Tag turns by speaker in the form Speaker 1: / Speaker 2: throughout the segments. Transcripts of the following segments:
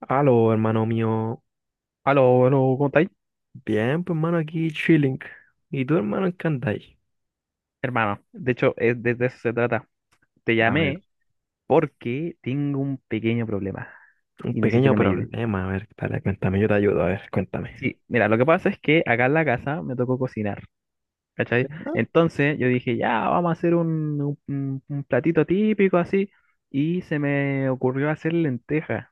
Speaker 1: Aló, hermano mío.
Speaker 2: Aló, aló, ¿cómo estáis?
Speaker 1: Bien, pues, hermano, aquí chilling. ¿Y tú, hermano, en qué andáis?
Speaker 2: Hermano, de hecho, de eso se trata. Te
Speaker 1: A ver.
Speaker 2: llamé porque tengo un pequeño problema
Speaker 1: Un
Speaker 2: y necesito
Speaker 1: pequeño
Speaker 2: que me ayude.
Speaker 1: problema. A ver, dale, cuéntame, yo te ayudo. A ver, cuéntame.
Speaker 2: Sí, mira, lo que pasa es que acá en la casa me tocó cocinar, ¿cachai?
Speaker 1: Ah,
Speaker 2: Entonces yo dije, ya, vamos a hacer un platito típico así, y se me ocurrió hacer lentejas.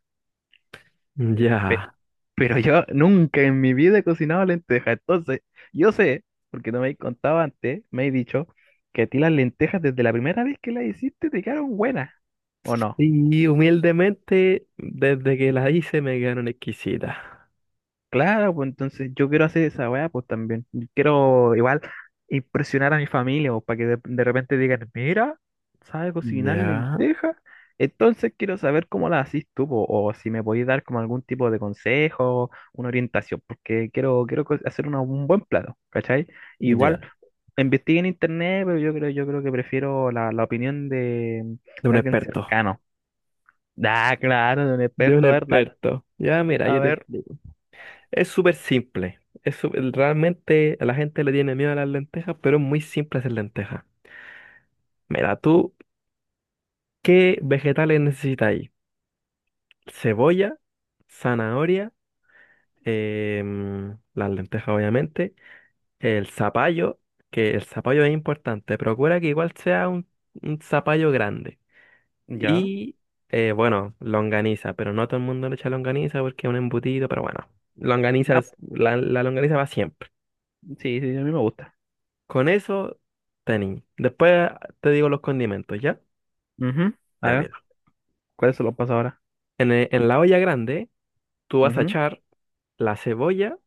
Speaker 2: Pe-
Speaker 1: ya.
Speaker 2: Pero yo nunca en mi vida he cocinado lentejas. Entonces, yo sé, porque no me habéis contado antes, me he dicho que a ti las lentejas desde la primera vez que las hiciste te quedaron buenas. ¿O no?
Speaker 1: Sí, humildemente, desde que la hice me quedaron exquisitas.
Speaker 2: Claro, pues entonces yo quiero hacer esa weá, pues también. Y quiero igual impresionar a mi familia, pues, para que de repente digan, mira, sabes cocinar
Speaker 1: Ya,
Speaker 2: lentejas. Entonces quiero saber cómo las haces tú, po, o si me podéis dar como algún tipo de consejo, una orientación, porque quiero hacer un buen plato, ¿cachai? Igual
Speaker 1: ya.
Speaker 2: investigué en internet, pero yo creo que prefiero la opinión de,
Speaker 1: De un
Speaker 2: de alguien
Speaker 1: experto.
Speaker 2: cercano. Ah, claro, de un
Speaker 1: De un
Speaker 2: experto, a ver, dale.
Speaker 1: experto. Ya, mira,
Speaker 2: A
Speaker 1: yo te
Speaker 2: ver,
Speaker 1: explico. Es súper simple. Realmente la gente le tiene miedo a las lentejas, pero es muy simple hacer lentejas. Mira, tú, ¿qué vegetales necesitas? Cebolla, zanahoria, las lentejas obviamente, el zapallo, que el zapallo es importante, procura que igual sea un zapallo grande.
Speaker 2: ya.
Speaker 1: Y bueno, longaniza, pero no todo el mundo le echa longaniza porque es un embutido, pero bueno, longaniza,
Speaker 2: Ah,
Speaker 1: la longaniza va siempre.
Speaker 2: sí, sí, a mí me gusta.
Speaker 1: Con eso, tení. Después te digo los condimentos, ¿ya?
Speaker 2: Ujú. A
Speaker 1: Ya,
Speaker 2: ver,
Speaker 1: mira.
Speaker 2: ¿cuál se lo pasa ahora?
Speaker 1: En la olla grande, tú vas a
Speaker 2: Ujú.
Speaker 1: echar la cebolla,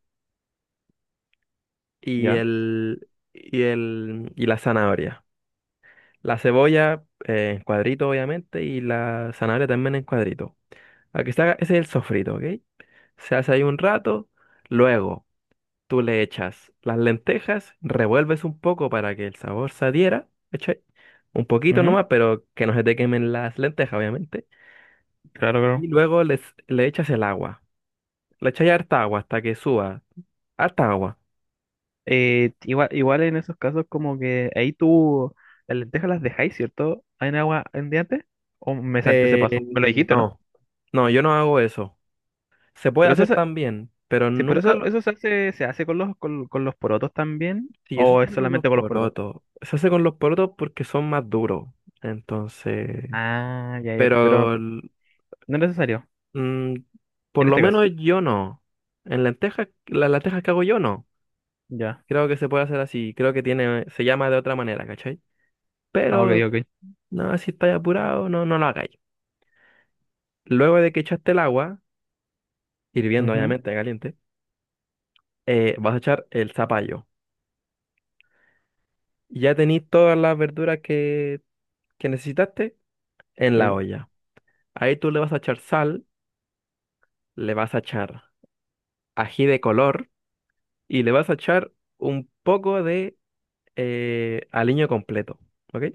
Speaker 1: y
Speaker 2: Ya.
Speaker 1: el, y el, y la zanahoria. La cebolla en cuadrito, obviamente, y la zanahoria también en cuadrito. Aquí se haga, ese es el sofrito, ¿ok? Se hace ahí un rato, luego tú le echas las lentejas, revuelves un poco para que el sabor se adhiera, ¿cachai? Un poquito
Speaker 2: Ujú,
Speaker 1: nomás, pero que no se te quemen las lentejas, obviamente.
Speaker 2: claro,
Speaker 1: Y
Speaker 2: claro.
Speaker 1: luego les, Le echas el agua. Le echas harta agua hasta que suba. Harta agua.
Speaker 2: Igual en esos casos como que ahí tú las lentejas las dejáis, ¿cierto? ¿En agua andiante? ¿O me salté ese
Speaker 1: Eh,
Speaker 2: paso? Me lo dijiste, ¿no?
Speaker 1: no, no, yo no hago eso. Se puede
Speaker 2: Pero eso
Speaker 1: hacer
Speaker 2: se,
Speaker 1: también, pero
Speaker 2: sí, pero
Speaker 1: nunca
Speaker 2: eso,
Speaker 1: lo...
Speaker 2: eso se hace con los porotos también,
Speaker 1: Sí, eso
Speaker 2: ¿o
Speaker 1: se
Speaker 2: es
Speaker 1: hace con los
Speaker 2: solamente con los porotos?
Speaker 1: porotos. Se hace con los porotos porque son más duros. Entonces,
Speaker 2: Ah, ya, ya, pero
Speaker 1: pero el-
Speaker 2: no es necesario,
Speaker 1: mm, por
Speaker 2: en
Speaker 1: lo
Speaker 2: este caso.
Speaker 1: menos yo no. En lentejas, las lentejas que hago yo no.
Speaker 2: Ya.
Speaker 1: Creo que se puede hacer así. Creo que tiene, se llama de otra manera, ¿cachai?
Speaker 2: Ah, ok,
Speaker 1: Pero
Speaker 2: ok.
Speaker 1: no, si estáis apurado, no, no lo hagáis. Luego de que echaste el agua, hirviendo
Speaker 2: Ujú,
Speaker 1: obviamente, caliente, vas a echar el zapallo. Ya tenéis todas las verduras que necesitaste en la
Speaker 2: sí.
Speaker 1: olla. Ahí tú le vas a echar sal, le vas a echar ají de color y le vas a echar un poco de aliño completo, ¿ok?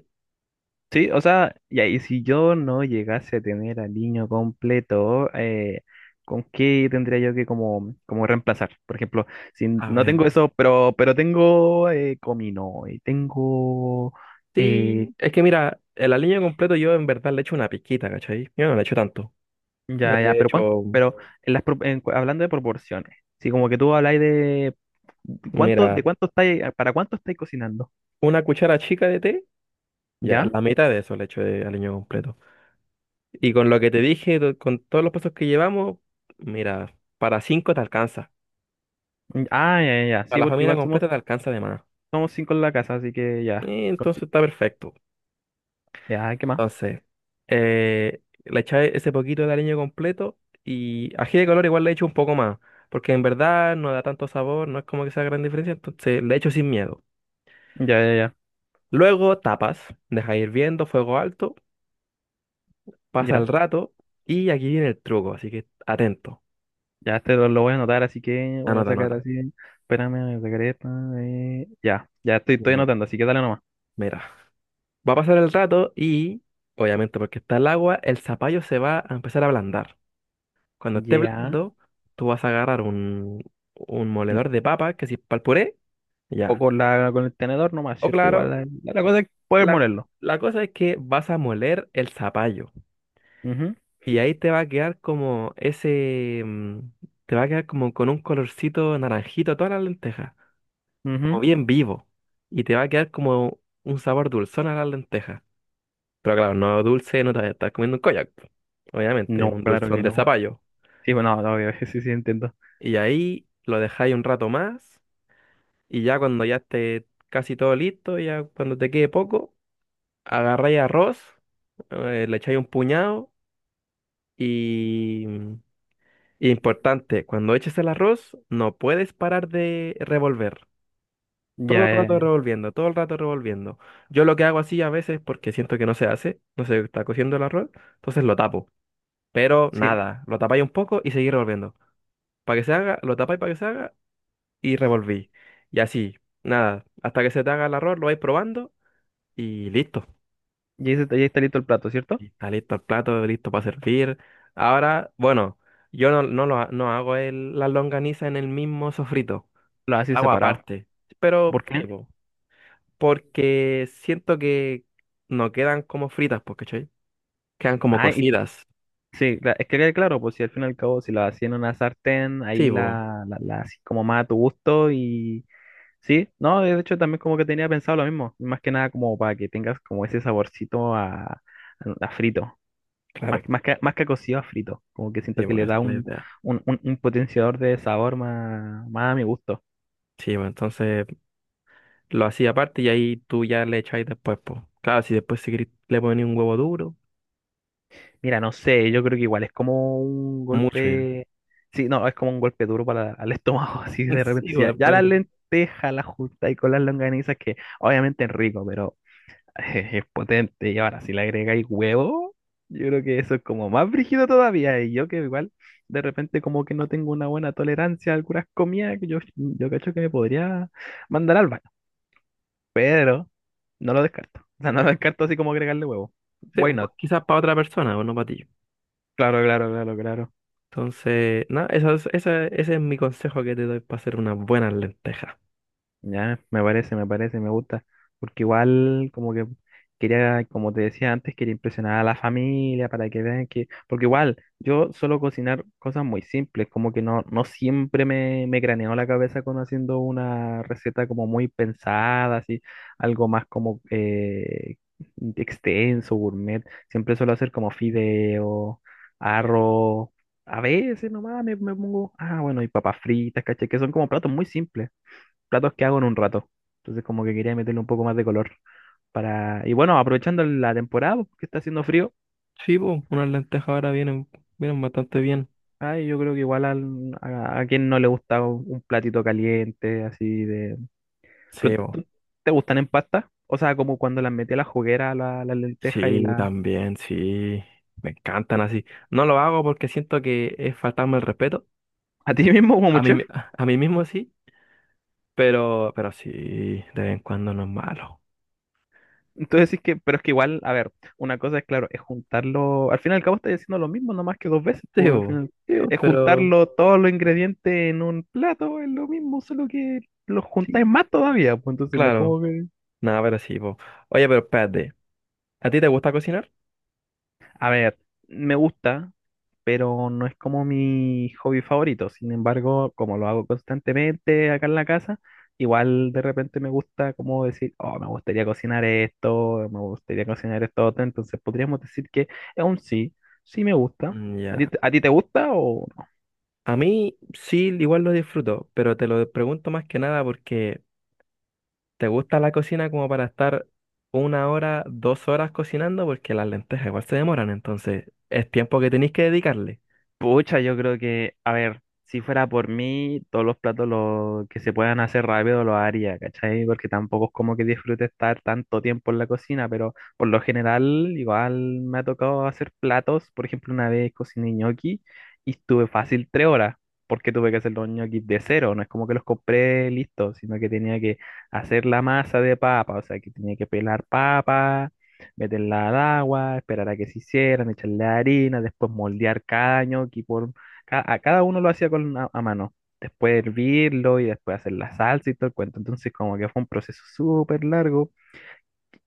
Speaker 2: Sí, o sea, ya, y si yo no llegase a tener al niño completo, ¿con qué tendría yo que como reemplazar? Por ejemplo, si
Speaker 1: A
Speaker 2: no
Speaker 1: ver,
Speaker 2: tengo eso, pero tengo comino y tengo. eh,
Speaker 1: sí, es que mira, el aliño completo yo en verdad le echo una pizquita, ¿cachai? Yo no le echo tanto. Yo
Speaker 2: ya, ya,
Speaker 1: le
Speaker 2: pero ¿cuánto?
Speaker 1: echo,
Speaker 2: Pero en las, pro- en cu- hablando de proporciones, si como que tú habláis de cuánto,
Speaker 1: Mira,
Speaker 2: de cuánto estáis, para cuánto estáis cocinando,
Speaker 1: una cuchara chica de té, ya,
Speaker 2: ¿ya?
Speaker 1: la mitad de eso le echo de aliño completo. Y con lo que te dije, con todos los pasos que llevamos, mira, para cinco te alcanza.
Speaker 2: Mm, ah, ya, ya, ya,
Speaker 1: Para
Speaker 2: sí,
Speaker 1: la
Speaker 2: porque
Speaker 1: familia
Speaker 2: igual somos,
Speaker 1: completa te alcanza de más.
Speaker 2: somos cinco en la casa, así que ya,
Speaker 1: Entonces está perfecto.
Speaker 2: ya, ¿qué más?
Speaker 1: Entonces, le echáis ese poquito de aliño completo y ají de color igual le echo un poco más, porque en verdad no da tanto sabor, no es como que sea gran diferencia, entonces le echo sin miedo.
Speaker 2: Ya, ya, ya.
Speaker 1: Luego tapas, deja hirviendo, fuego alto, pasa el
Speaker 2: Ya.
Speaker 1: rato y aquí viene el truco, así que atento,
Speaker 2: Ya este lo voy a anotar, así que voy a
Speaker 1: anota,
Speaker 2: sacar
Speaker 1: anota.
Speaker 2: así. Espérame, voy a sacar esta. Ya, ya estoy,
Speaker 1: Ya,
Speaker 2: estoy
Speaker 1: mira.
Speaker 2: anotando, así que dale nomás.
Speaker 1: Mira, va a pasar el rato y, obviamente porque está el agua, el zapallo se va a empezar a ablandar. Cuando esté
Speaker 2: Ya.
Speaker 1: blando, tú vas a agarrar un
Speaker 2: mm,
Speaker 1: moledor de papa, que si es para
Speaker 2: O
Speaker 1: ya.
Speaker 2: con el tenedor nomás,
Speaker 1: O
Speaker 2: ¿cierto?
Speaker 1: claro,
Speaker 2: Igual la cosa es poder
Speaker 1: la,
Speaker 2: molerlo.
Speaker 1: la cosa es que vas a moler el zapallo
Speaker 2: Ujú,
Speaker 1: y ahí te va a quedar como te va a quedar como con un colorcito naranjito a todas las lentejas, como
Speaker 2: ujú.
Speaker 1: bien vivo. Y te va a quedar como un sabor dulzón a las lentejas. Pero claro, no dulce, no te vas a estar comiendo un koyak. Po. Obviamente,
Speaker 2: No,
Speaker 1: un
Speaker 2: claro
Speaker 1: dulzón
Speaker 2: que
Speaker 1: de
Speaker 2: no.
Speaker 1: zapallo.
Speaker 2: Sí, bueno, no, obvio, sí, sí, entiendo.
Speaker 1: Y ahí lo dejáis un rato más y ya cuando ya esté casi todo listo, ya cuando te quede poco, agarráis arroz, le echáis un puñado. Y importante, cuando eches el arroz, no puedes parar de revolver.
Speaker 2: Ya,
Speaker 1: Todo el rato revolviendo, todo el rato revolviendo. Yo lo que hago así a veces porque siento que no se hace, no se está cociendo el arroz, entonces lo tapo. Pero
Speaker 2: sí.
Speaker 1: nada, lo tapáis un poco y seguís revolviendo. Para que se haga, lo tapáis para que se haga y revolví. Y así, nada, hasta que se te haga el arroz, lo vais probando y listo.
Speaker 2: Ya, ya está listo el plato, ¿cierto?
Speaker 1: Está listo el plato, listo para servir. Ahora, bueno, yo no, no, lo ha- no hago la longaniza en el mismo sofrito.
Speaker 2: Lo haces
Speaker 1: Hago
Speaker 2: separado.
Speaker 1: aparte. Pero
Speaker 2: ¿Por
Speaker 1: sí,
Speaker 2: qué?
Speaker 1: po, porque siento que no quedan como fritas, porque quedan como
Speaker 2: Ah, y
Speaker 1: cocidas.
Speaker 2: sí, es que quede claro, pues si al fin y al cabo, si lo hacía en una sartén, ahí
Speaker 1: Sí, po,
Speaker 2: la así como más a tu gusto. Sí, no, de hecho también como que tenía pensado lo mismo, más que nada como para que tengas como ese saborcito a, a frito, más,
Speaker 1: claro.
Speaker 2: que- más que, más que a cocido a frito, como que siento
Speaker 1: Sí,
Speaker 2: que
Speaker 1: po,
Speaker 2: le
Speaker 1: esa
Speaker 2: da
Speaker 1: es la
Speaker 2: un,
Speaker 1: idea.
Speaker 2: un, un- un potenciador de sabor más a mi gusto.
Speaker 1: Sí, po, entonces lo hacía aparte y ahí tú ya le echáis después, pues. Claro, si después si querís le ponéis un huevo duro,
Speaker 2: Mira, no sé, yo creo que igual es como un
Speaker 1: mucho ya.
Speaker 2: golpe, sí, no, es como un golpe duro para el estómago, así de
Speaker 1: Sí,
Speaker 2: repente, sí, ya,
Speaker 1: igual,
Speaker 2: ya
Speaker 1: pues.
Speaker 2: las lentejas las juntas y con las longanizas que obviamente es rico, Es potente. Y ahora, si le agregáis huevo, yo creo que eso es como más brígido todavía. Y yo que igual, de repente, como que no tengo una buena tolerancia a algunas comidas, que yo cacho que me podría mandar al baño. Pero no lo descarto. O sea, no lo descarto así como agregarle huevo.
Speaker 1: Sí,
Speaker 2: Why not?
Speaker 1: pues, quizás para otra persona o no para ti.
Speaker 2: Claro, claro, claro, claro.
Speaker 1: Entonces, nada eso ese es mi consejo que te doy para hacer unas buenas lentejas.
Speaker 2: Ya, me parece, me gusta, porque igual como que quería, como te decía antes, quería impresionar a la familia para que vean que, porque igual yo suelo cocinar cosas muy simples, como que no siempre me craneó la cabeza con haciendo una receta como muy pensada, así, algo más como extenso, gourmet, siempre suelo hacer como fideo, arroz, a veces nomás me pongo, ah, bueno, y papas fritas, caché, que son como platos muy simples, platos que hago en un rato. Entonces como que quería meterle un poco más de color. Y bueno, aprovechando la temporada, pues, que está haciendo frío,
Speaker 1: Sí, po, unas lentejas ahora vienen, vienen bastante bien.
Speaker 2: ay, yo creo que igual a quien no le gusta un platito caliente, así de. Pero,
Speaker 1: Sí, po.
Speaker 2: ¿te gustan en pasta? O sea, como cuando las metí a la juguera, la lenteja y
Speaker 1: Sí,
Speaker 2: la.
Speaker 1: también, sí. Me encantan así. No lo hago porque siento que es faltarme el respeto.
Speaker 2: A ti mismo como
Speaker 1: A mí,
Speaker 2: chef.
Speaker 1: a mí mismo sí, pero sí, de vez en cuando no es malo.
Speaker 2: Entonces sí que, pero es que igual, a ver, una cosa es claro, es juntarlo, al fin y al cabo estás haciendo lo mismo, no más que dos veces,
Speaker 1: Sí,
Speaker 2: por
Speaker 1: po, sí, po,
Speaker 2: es
Speaker 1: pero
Speaker 2: juntarlo todos los ingredientes en un plato, es lo mismo, solo que los juntáis
Speaker 1: sí,
Speaker 2: más todavía, pues entonces no es
Speaker 1: claro.
Speaker 2: como que.
Speaker 1: Nada, pero sí, po. Oye, pero espérate, ¿a ti te gusta cocinar?
Speaker 2: A ver, me gusta, pero no es como mi hobby favorito, sin embargo, como lo hago constantemente acá en la casa, igual de repente me gusta como decir, oh, me gustaría cocinar esto, me gustaría cocinar esto, otro", entonces podríamos decir que es un sí, sí me gusta.
Speaker 1: Mm,
Speaker 2: ¿A ti,
Speaker 1: ya.
Speaker 2: a ti te gusta o...?
Speaker 1: A mí sí, igual lo disfruto, pero te lo pregunto más que nada porque ¿te gusta la cocina como para estar 1 hora, 2 horas cocinando? Porque las lentejas igual se demoran, entonces es tiempo que tenéis que dedicarle.
Speaker 2: Pucha, yo creo que, a ver, si fuera por mí, todos los platos que se puedan hacer rápido los haría, ¿cachai? Porque tampoco es como que disfrute estar tanto tiempo en la cocina, pero por lo general igual me ha tocado hacer platos. Por ejemplo, una vez cociné ñoqui y estuve fácil 3 horas, porque tuve que hacer los ñoquis de cero. No es como que los compré listos, sino que tenía que hacer la masa de papa, o sea, que tenía que pelar papa, meterla al agua, esperar a que se hicieran, echarle harina, después moldear cada ñoqui. A cada uno lo hacía con a mano. Después hervirlo y después hacer la salsa y todo el cuento. Entonces como que fue un proceso súper largo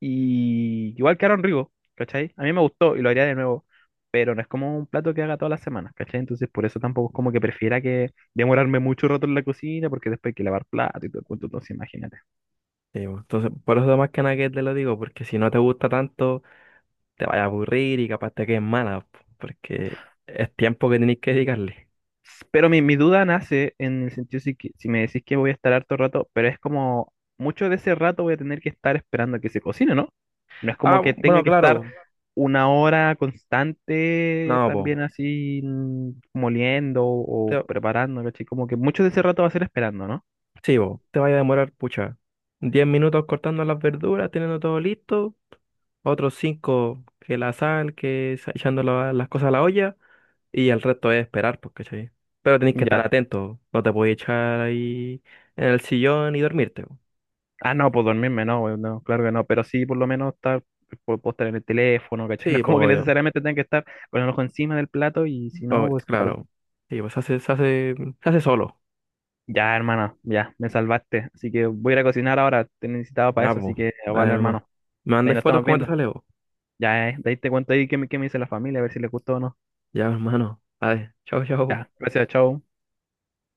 Speaker 2: y igual quedaron ricos, ¿cachai? A mí me gustó y lo haría de nuevo, pero no es como un plato que haga todas las semanas, ¿cachai? Entonces por eso tampoco es como que prefiera que demorarme mucho rato en la cocina porque después hay que lavar plato y todo el cuento, entonces imagínate.
Speaker 1: Sí, bo. Entonces, por eso más que nada que te lo digo, porque si no te gusta tanto, te vaya a aburrir y capaz te quedes mala, po, porque es tiempo que tenéis que dedicarle.
Speaker 2: Pero mi duda nace en el sentido si me decís que voy a estar harto rato, pero es como mucho de ese rato voy a tener que estar esperando a que se cocine, ¿no? No es como que tenga
Speaker 1: Bueno,
Speaker 2: que estar
Speaker 1: claro,
Speaker 2: una hora constante
Speaker 1: no, po.
Speaker 2: también así moliendo o
Speaker 1: Te,
Speaker 2: preparando, ¿cachai? Como que mucho de ese rato va a ser esperando, ¿no?
Speaker 1: sí, po, te vaya a demorar, pucha. 10 minutos cortando las verduras, teniendo todo listo. Otros cinco que la sal, echando las cosas a la olla. Y el resto es esperar, pues, ¿cachai? Pero tenéis que estar
Speaker 2: Ya.
Speaker 1: atento. No te podéis echar ahí en el sillón y dormirte. Po.
Speaker 2: Ah, no, pues dormirme, no, weón, no, claro que no, pero sí por lo menos estar, puedo estar en el teléfono, ¿cachai? No
Speaker 1: Sí,
Speaker 2: es
Speaker 1: pues
Speaker 2: como que
Speaker 1: obvio.
Speaker 2: necesariamente tenga que estar con el ojo encima del plato y si no,
Speaker 1: Obvio,
Speaker 2: pues claro.
Speaker 1: claro. Sí, pues se hace, se hace solo.
Speaker 2: Ya, hermano, ya, me salvaste. Así que voy a ir a cocinar ahora. Te necesitaba para
Speaker 1: Ya,
Speaker 2: eso, así
Speaker 1: pues.
Speaker 2: que
Speaker 1: Dale
Speaker 2: vale,
Speaker 1: nomás.
Speaker 2: hermano.
Speaker 1: ¿Me
Speaker 2: De ahí
Speaker 1: mandáis
Speaker 2: nos
Speaker 1: fotos
Speaker 2: estamos
Speaker 1: cómo te
Speaker 2: viendo.
Speaker 1: sale, vos?
Speaker 2: Ya, de ahí te cuento ahí qué me dice la familia, a ver si les gustó o no.
Speaker 1: Ya, hermano. Dale. Chau, chau.
Speaker 2: Ya, gracias, chao.